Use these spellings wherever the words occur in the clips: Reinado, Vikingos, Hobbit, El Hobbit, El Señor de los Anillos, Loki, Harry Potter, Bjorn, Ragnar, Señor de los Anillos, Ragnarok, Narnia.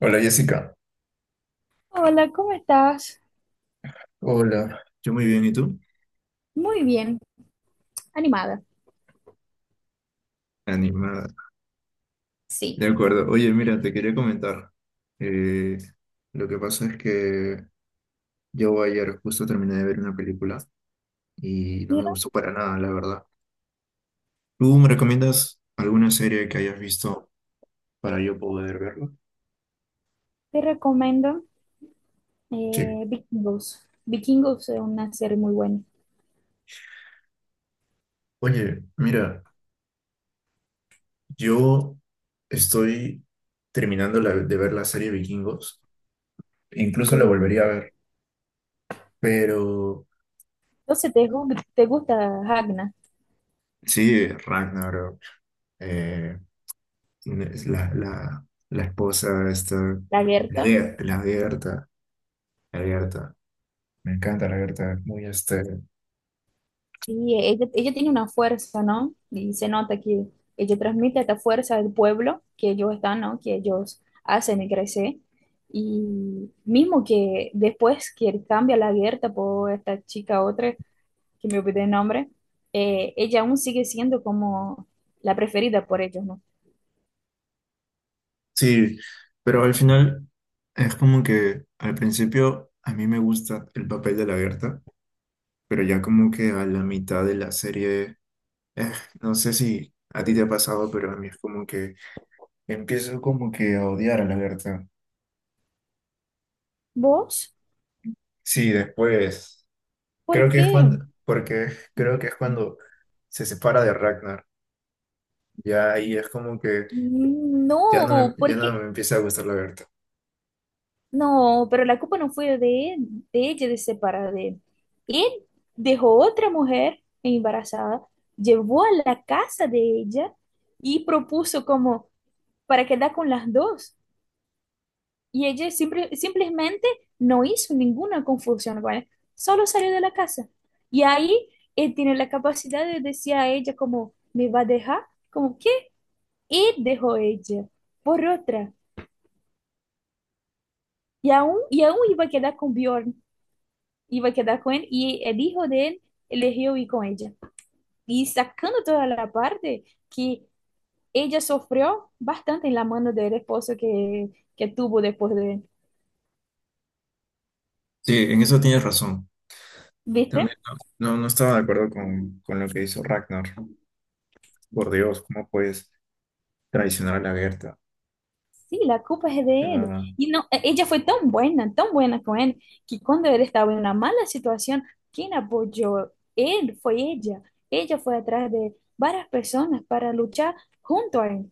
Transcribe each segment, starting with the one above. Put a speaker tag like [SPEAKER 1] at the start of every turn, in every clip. [SPEAKER 1] Hola Jessica.
[SPEAKER 2] Hola, ¿cómo estás?
[SPEAKER 1] Hola, yo muy bien, ¿y tú?
[SPEAKER 2] Muy bien, animada.
[SPEAKER 1] Animada.
[SPEAKER 2] Sí.
[SPEAKER 1] De acuerdo. Oye, mira, te quería comentar. Eh, lo que pasa es que yo ayer justo terminé de ver una película y no me
[SPEAKER 2] Mira,
[SPEAKER 1] gustó para nada, la verdad. ¿Tú me recomiendas alguna serie que hayas visto para yo poder verla?
[SPEAKER 2] te recomiendo
[SPEAKER 1] Sí.
[SPEAKER 2] Vikingos. Vikingos es una serie muy buena.
[SPEAKER 1] Oye, mira, yo estoy terminando de ver la serie Vikingos. Incluso la
[SPEAKER 2] Sí.
[SPEAKER 1] volvería a ver, pero...
[SPEAKER 2] Entonces, ¿te, te gusta Ragna,
[SPEAKER 1] Sí, Ragnarok. eh, Es la esposa, esta,
[SPEAKER 2] la Gerta?
[SPEAKER 1] La Gerta, la Gerta. Me encanta la Gerta, es muy este.
[SPEAKER 2] Sí, ella tiene una fuerza, ¿no? Y se nota que ella transmite esta fuerza del pueblo que ellos están, ¿no? Que ellos hacen y crecer. Y mismo que después que cambia la Gerta por esta chica otra, que me olvidé el nombre, ella aún sigue siendo como la preferida por ellos, ¿no?
[SPEAKER 1] Sí, pero al final es como que al principio a mí me gusta el papel de la Gerta, pero ya como que a la mitad de la serie, eh, no sé si a ti te ha pasado, pero a mí es como que empiezo como que a odiar a la Gerta.
[SPEAKER 2] ¿Vos?
[SPEAKER 1] Sí, después,
[SPEAKER 2] ¿Por
[SPEAKER 1] creo que es
[SPEAKER 2] qué?
[SPEAKER 1] cuando, porque creo que es cuando se separa de Ragnar. Ya ahí es como que
[SPEAKER 2] No,
[SPEAKER 1] ya no
[SPEAKER 2] porque
[SPEAKER 1] me empieza a gustar la Berta.
[SPEAKER 2] no, pero la culpa no fue de él, de ella de separar de él. Él dejó otra mujer embarazada, llevó a la casa de ella y propuso como para quedar con las dos. Y ella simplemente no hizo ninguna confusión con él, solo salió de la casa. Y ahí él tiene la capacidad de decir a ella como, ¿me va a dejar? Como, ¿qué? Y dejó ella por otra. Y aún iba a quedar con Bjorn, iba a quedar con él y el hijo de él eligió ir con ella. Y sacando toda la parte que ella sufrió bastante en la mano del esposo que tuvo después de él.
[SPEAKER 1] Sí, en eso tienes razón. También
[SPEAKER 2] ¿Viste?
[SPEAKER 1] no, no estaba de acuerdo con lo que hizo Ragnar. Por Dios, ¿cómo puedes traicionar a la Berta?
[SPEAKER 2] Sí, la culpa es
[SPEAKER 1] O
[SPEAKER 2] de él.
[SPEAKER 1] sea,
[SPEAKER 2] Y no, e- ella fue tan buena con él, que cuando él estaba en una mala situación, quien apoyó él fue ella. Ella fue atrás de varias personas para luchar junto a él.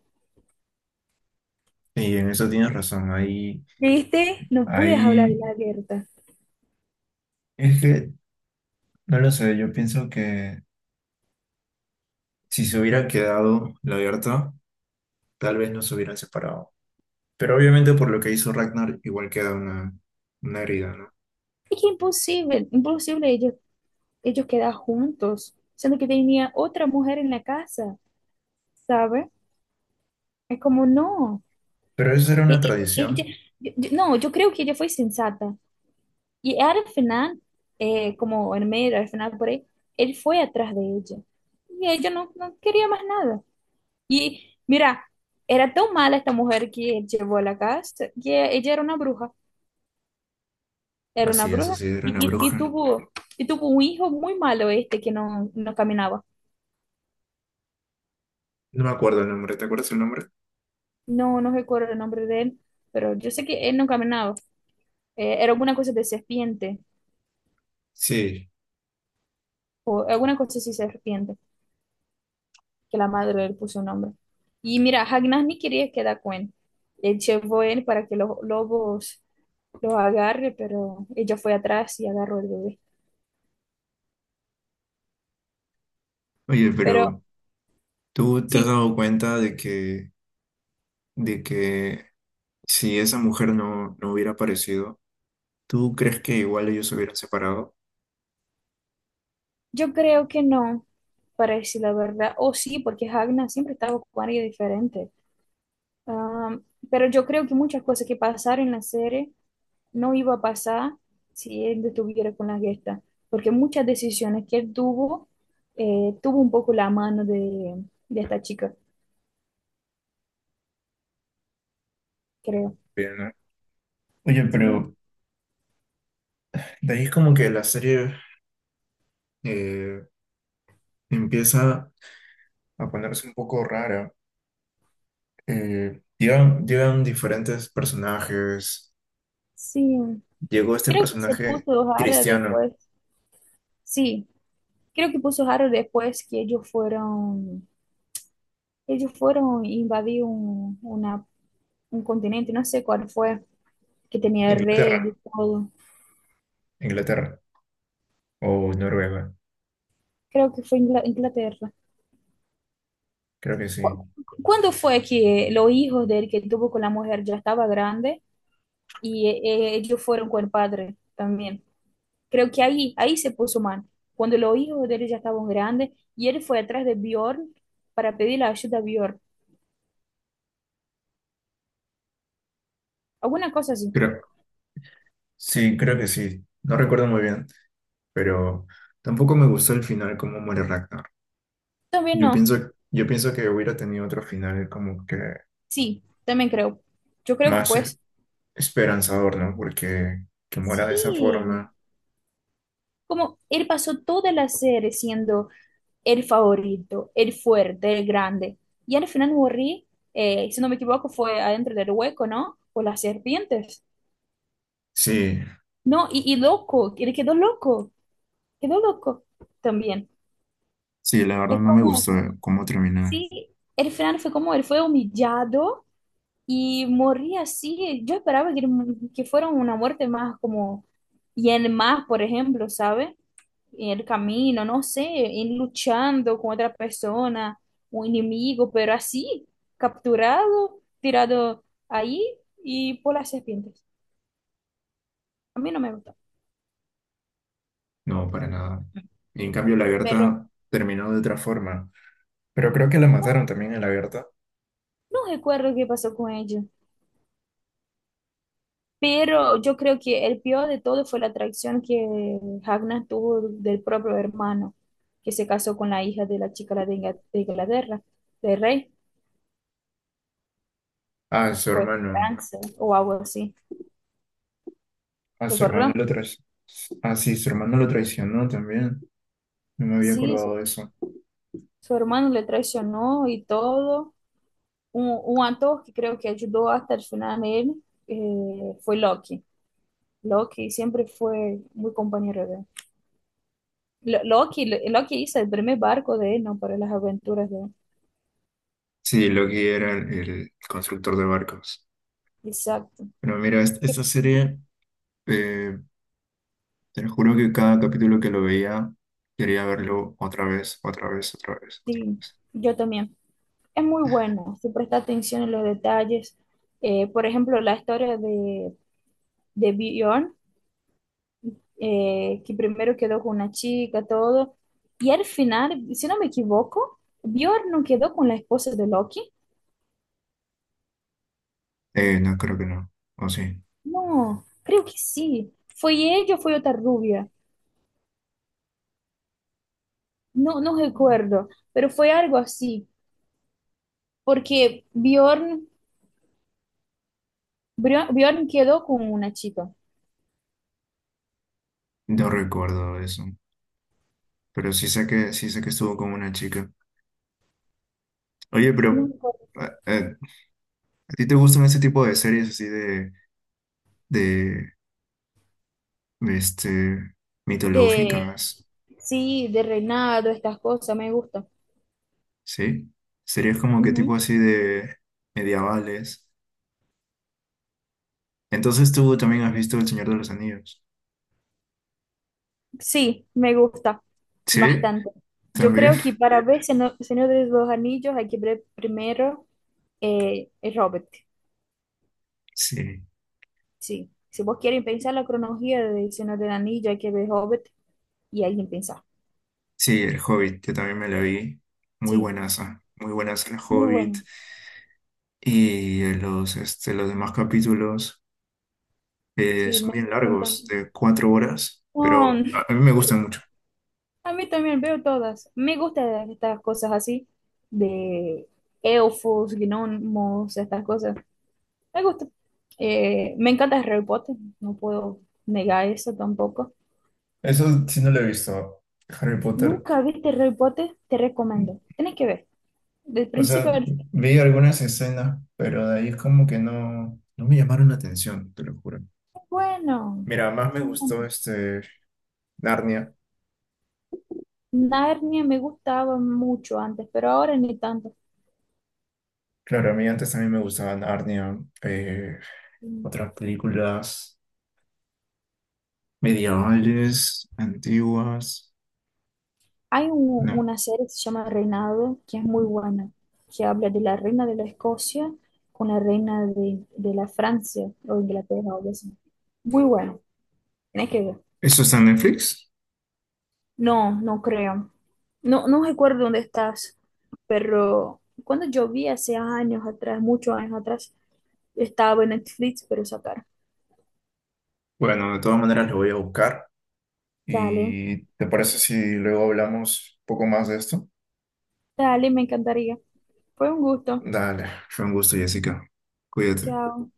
[SPEAKER 1] y en eso tienes razón. Ahí,
[SPEAKER 2] ¿Viste? No puedes hablar de
[SPEAKER 1] ahí
[SPEAKER 2] la guerra.
[SPEAKER 1] es que no lo sé. Yo pienso que si se hubiera quedado la Berta, tal vez no se hubieran separado. Pero obviamente por lo que hizo Ragnar, igual queda una herida, ¿no?
[SPEAKER 2] Es que imposible, imposible ellos quedar juntos, siendo que tenía otra mujer en la casa, ¿sabes? Es como, no.
[SPEAKER 1] Pero eso era una
[SPEAKER 2] Ella,
[SPEAKER 1] tradición.
[SPEAKER 2] no, yo creo que ella fue sensata. Y al final, como en medio, al final por ahí, él fue atrás de ella. Y ella no, no quería más nada. Y mira, era tan mala esta mujer que él llevó a la casa, que ella era una
[SPEAKER 1] Así, eso
[SPEAKER 2] bruja,
[SPEAKER 1] sí, era una
[SPEAKER 2] y, y
[SPEAKER 1] bruja.
[SPEAKER 2] tuvo, y tuvo un hijo muy malo este que no, no caminaba.
[SPEAKER 1] No me acuerdo el nombre, ¿te acuerdas el nombre?
[SPEAKER 2] No, no recuerdo el nombre de él, pero yo sé que él no caminaba. Era alguna cosa de serpiente,
[SPEAKER 1] Sí.
[SPEAKER 2] o alguna cosa así serpiente. Que la madre le puso un nombre. Y mira, Ragnar ni quería quedar con él. Él llevó a para que los lobos lo agarre, pero ella fue atrás y agarró el bebé.
[SPEAKER 1] Oye,
[SPEAKER 2] Pero
[SPEAKER 1] pero ¿tú te has
[SPEAKER 2] sí,
[SPEAKER 1] dado cuenta de que si esa mujer no hubiera aparecido, ¿tú crees que igual ellos se hubieran separado?
[SPEAKER 2] yo creo que no, para decir la verdad. O sí, porque Ragnar siempre estaba con alguien diferente. Am, pero yo creo que muchas cosas que pasaron en la serie no iba a pasar si él estuviera con la gesta, porque muchas decisiones que él tuvo, tuvo un poco la mano de esta chica, creo.
[SPEAKER 1] Bien, ¿no? Oye,
[SPEAKER 2] Sí,
[SPEAKER 1] pero de ahí es como que la serie eh, empieza a ponerse un poco rara. Llegan diferentes personajes.
[SPEAKER 2] sí.
[SPEAKER 1] Llegó este
[SPEAKER 2] Creo que se
[SPEAKER 1] personaje
[SPEAKER 2] puso raro
[SPEAKER 1] cristiano,
[SPEAKER 2] después. Sí, creo que puso raro después que ellos fueron e invadir un continente, no sé cuál fue, que tenía el
[SPEAKER 1] Inglaterra,
[SPEAKER 2] rey y todo.
[SPEAKER 1] Inglaterra o Noruega,
[SPEAKER 2] Creo que fue Inglaterra.
[SPEAKER 1] creo que sí.
[SPEAKER 2] ¿Cu- ¿Cuándo fue que los hijos de él que tuvo con la mujer ya estaba grande y ellos fueron con el padre también? Creo que ahí se puso mal. Cuando los hijos de él ya estaban grandes y él fue atrás de Bjorn para pedir la ayuda a Bjorn. Alguna cosa así.
[SPEAKER 1] Sí, creo que sí. No recuerdo muy bien, pero tampoco me gustó el final como muere Ragnar.
[SPEAKER 2] También no.
[SPEAKER 1] Yo pienso que hubiera tenido otro final como que
[SPEAKER 2] Sí, también creo. Yo creo que
[SPEAKER 1] más
[SPEAKER 2] pues
[SPEAKER 1] esperanzador, ¿no? Porque que muera de esa
[SPEAKER 2] sí.
[SPEAKER 1] forma.
[SPEAKER 2] Como él pasó toda la serie siendo el favorito, el fuerte, el grande. Y al final morri si no me equivoco, fue adentro del hueco, ¿no? Por las serpientes.
[SPEAKER 1] Sí,
[SPEAKER 2] No, y loco, él quedó loco también.
[SPEAKER 1] sí, la verdad
[SPEAKER 2] Es
[SPEAKER 1] no me gustó
[SPEAKER 2] como...
[SPEAKER 1] cómo terminó.
[SPEAKER 2] Sí, el final fue como él fue humillado y moría así. Yo esperaba que fuera una muerte más como, y en más, por ejemplo, ¿sabe? En el camino, no sé, en luchando con otra persona, un enemigo, pero así, capturado, tirado ahí y por las serpientes. A mí no me gustó,
[SPEAKER 1] No, para nada. Y en cambio la
[SPEAKER 2] pero
[SPEAKER 1] Berta terminó de otra forma. Pero creo que la
[SPEAKER 2] no,
[SPEAKER 1] mataron también a la Berta.
[SPEAKER 2] no recuerdo qué pasó con ellos. Pero yo creo que el peor de todo fue la traición que Ragnar tuvo del propio hermano, que se casó con la hija de la chica de de Inglaterra, del rey,
[SPEAKER 1] A su
[SPEAKER 2] pues
[SPEAKER 1] hermano.
[SPEAKER 2] Francia o algo así.
[SPEAKER 1] A
[SPEAKER 2] ¿Te
[SPEAKER 1] su hermano
[SPEAKER 2] acordás?
[SPEAKER 1] lo traicionó. Ah, sí, su hermano lo traicionó también. No me había
[SPEAKER 2] Sí,
[SPEAKER 1] acordado de eso.
[SPEAKER 2] su hermano le traicionó y todo. Un actor que creo que ayudó hasta el final a él fue Loki. Loki siempre fue muy compañero de él. Loki hizo el primer barco de él, ¿no? Para las aventuras de él.
[SPEAKER 1] Sí, Loki era el constructor de barcos.
[SPEAKER 2] Exacto.
[SPEAKER 1] Pero mira, esta serie, eh, te lo juro que cada capítulo que lo veía, quería verlo otra vez, otra vez, otra vez, otra
[SPEAKER 2] Sí,
[SPEAKER 1] vez.
[SPEAKER 2] yo también. Es muy bueno, si presta atención en los detalles. Por ejemplo, la historia de Bjorn, que primero quedó con una chica, todo. Y al final, si no me equivoco, Bjorn no quedó con la esposa de Loki.
[SPEAKER 1] No, creo que no. O sí,
[SPEAKER 2] No, creo que sí. ¿Fue ella o fue otra rubia? No, no recuerdo, pero fue algo así, porque Bjorn quedó con una chica.
[SPEAKER 1] no recuerdo eso. Pero sí sé que estuvo con una chica. Oye,
[SPEAKER 2] No
[SPEAKER 1] pero
[SPEAKER 2] recuerdo.
[SPEAKER 1] eh, eh, ¿a ti te gustan ese tipo de series así de, este,
[SPEAKER 2] De,
[SPEAKER 1] mitológicas?
[SPEAKER 2] sí, de reinado, estas cosas, me gusta.
[SPEAKER 1] ¿Sí? Series como que tipo
[SPEAKER 2] Ujú.
[SPEAKER 1] así de medievales. Entonces tú también has visto El Señor de los Anillos.
[SPEAKER 2] Sí, me gusta
[SPEAKER 1] Sí,
[SPEAKER 2] bastante. Yo
[SPEAKER 1] también.
[SPEAKER 2] creo que para ver Señor de los Anillos hay que ver primero el Hobbit.
[SPEAKER 1] Sí,
[SPEAKER 2] Sí, si vos quieren pensar la cronología de Señor del Anillo, hay que ver Hobbit y alguien pensar.
[SPEAKER 1] sí, El Hobbit, yo también me la vi. Muy
[SPEAKER 2] Sí,
[SPEAKER 1] buenas, muy buenas El
[SPEAKER 2] muy
[SPEAKER 1] Hobbit.
[SPEAKER 2] bueno.
[SPEAKER 1] Y los, este, los demás capítulos
[SPEAKER 2] Sí,
[SPEAKER 1] son
[SPEAKER 2] me,
[SPEAKER 1] bien
[SPEAKER 2] me encanta.
[SPEAKER 1] largos, de 4 horas,
[SPEAKER 2] Oh,
[SPEAKER 1] pero a mí me gustan mucho.
[SPEAKER 2] a mí también veo todas. Me gustan estas cosas así, de elfos, gnomos, estas cosas. Me gusta. Me encanta Harry Potter, no puedo negar eso tampoco.
[SPEAKER 1] Eso sí no lo he visto, Harry Potter.
[SPEAKER 2] Nunca viste Harry Potter, te recomiendo. Tienes que ver. Del
[SPEAKER 1] O
[SPEAKER 2] principio
[SPEAKER 1] sea,
[SPEAKER 2] al fin.
[SPEAKER 1] vi algunas escenas, pero de ahí es como que no, no me llamaron la atención, te lo juro.
[SPEAKER 2] Es bueno,
[SPEAKER 1] Mira, más me
[SPEAKER 2] es bueno.
[SPEAKER 1] gustó este Narnia.
[SPEAKER 2] Narnia me gustaba mucho antes, pero ahora ni tanto.
[SPEAKER 1] Claro, a mí antes también me gustaban Narnia, eh,
[SPEAKER 2] Mm.
[SPEAKER 1] otras películas medievales, antiguas.
[SPEAKER 2] Hay
[SPEAKER 1] No.
[SPEAKER 2] una serie que se llama Reinado, que es muy buena, que habla de la reina de la Escocia con la reina de la Francia o Inglaterra o algo así. Muy bueno, tienes que ver.
[SPEAKER 1] ¿Eso está en Netflix?
[SPEAKER 2] No, no creo. No, no recuerdo dónde estás, pero cuando yo vi hace años atrás, muchos años atrás, estaba en Netflix, pero sacar.
[SPEAKER 1] Bueno, de todas maneras lo voy a buscar.
[SPEAKER 2] Dale,
[SPEAKER 1] ¿Y te parece si luego hablamos un poco más de esto?
[SPEAKER 2] dale, me encantaría. Fue un gusto.
[SPEAKER 1] Dale, fue un gusto, Jessica. Cuídate.
[SPEAKER 2] Chao.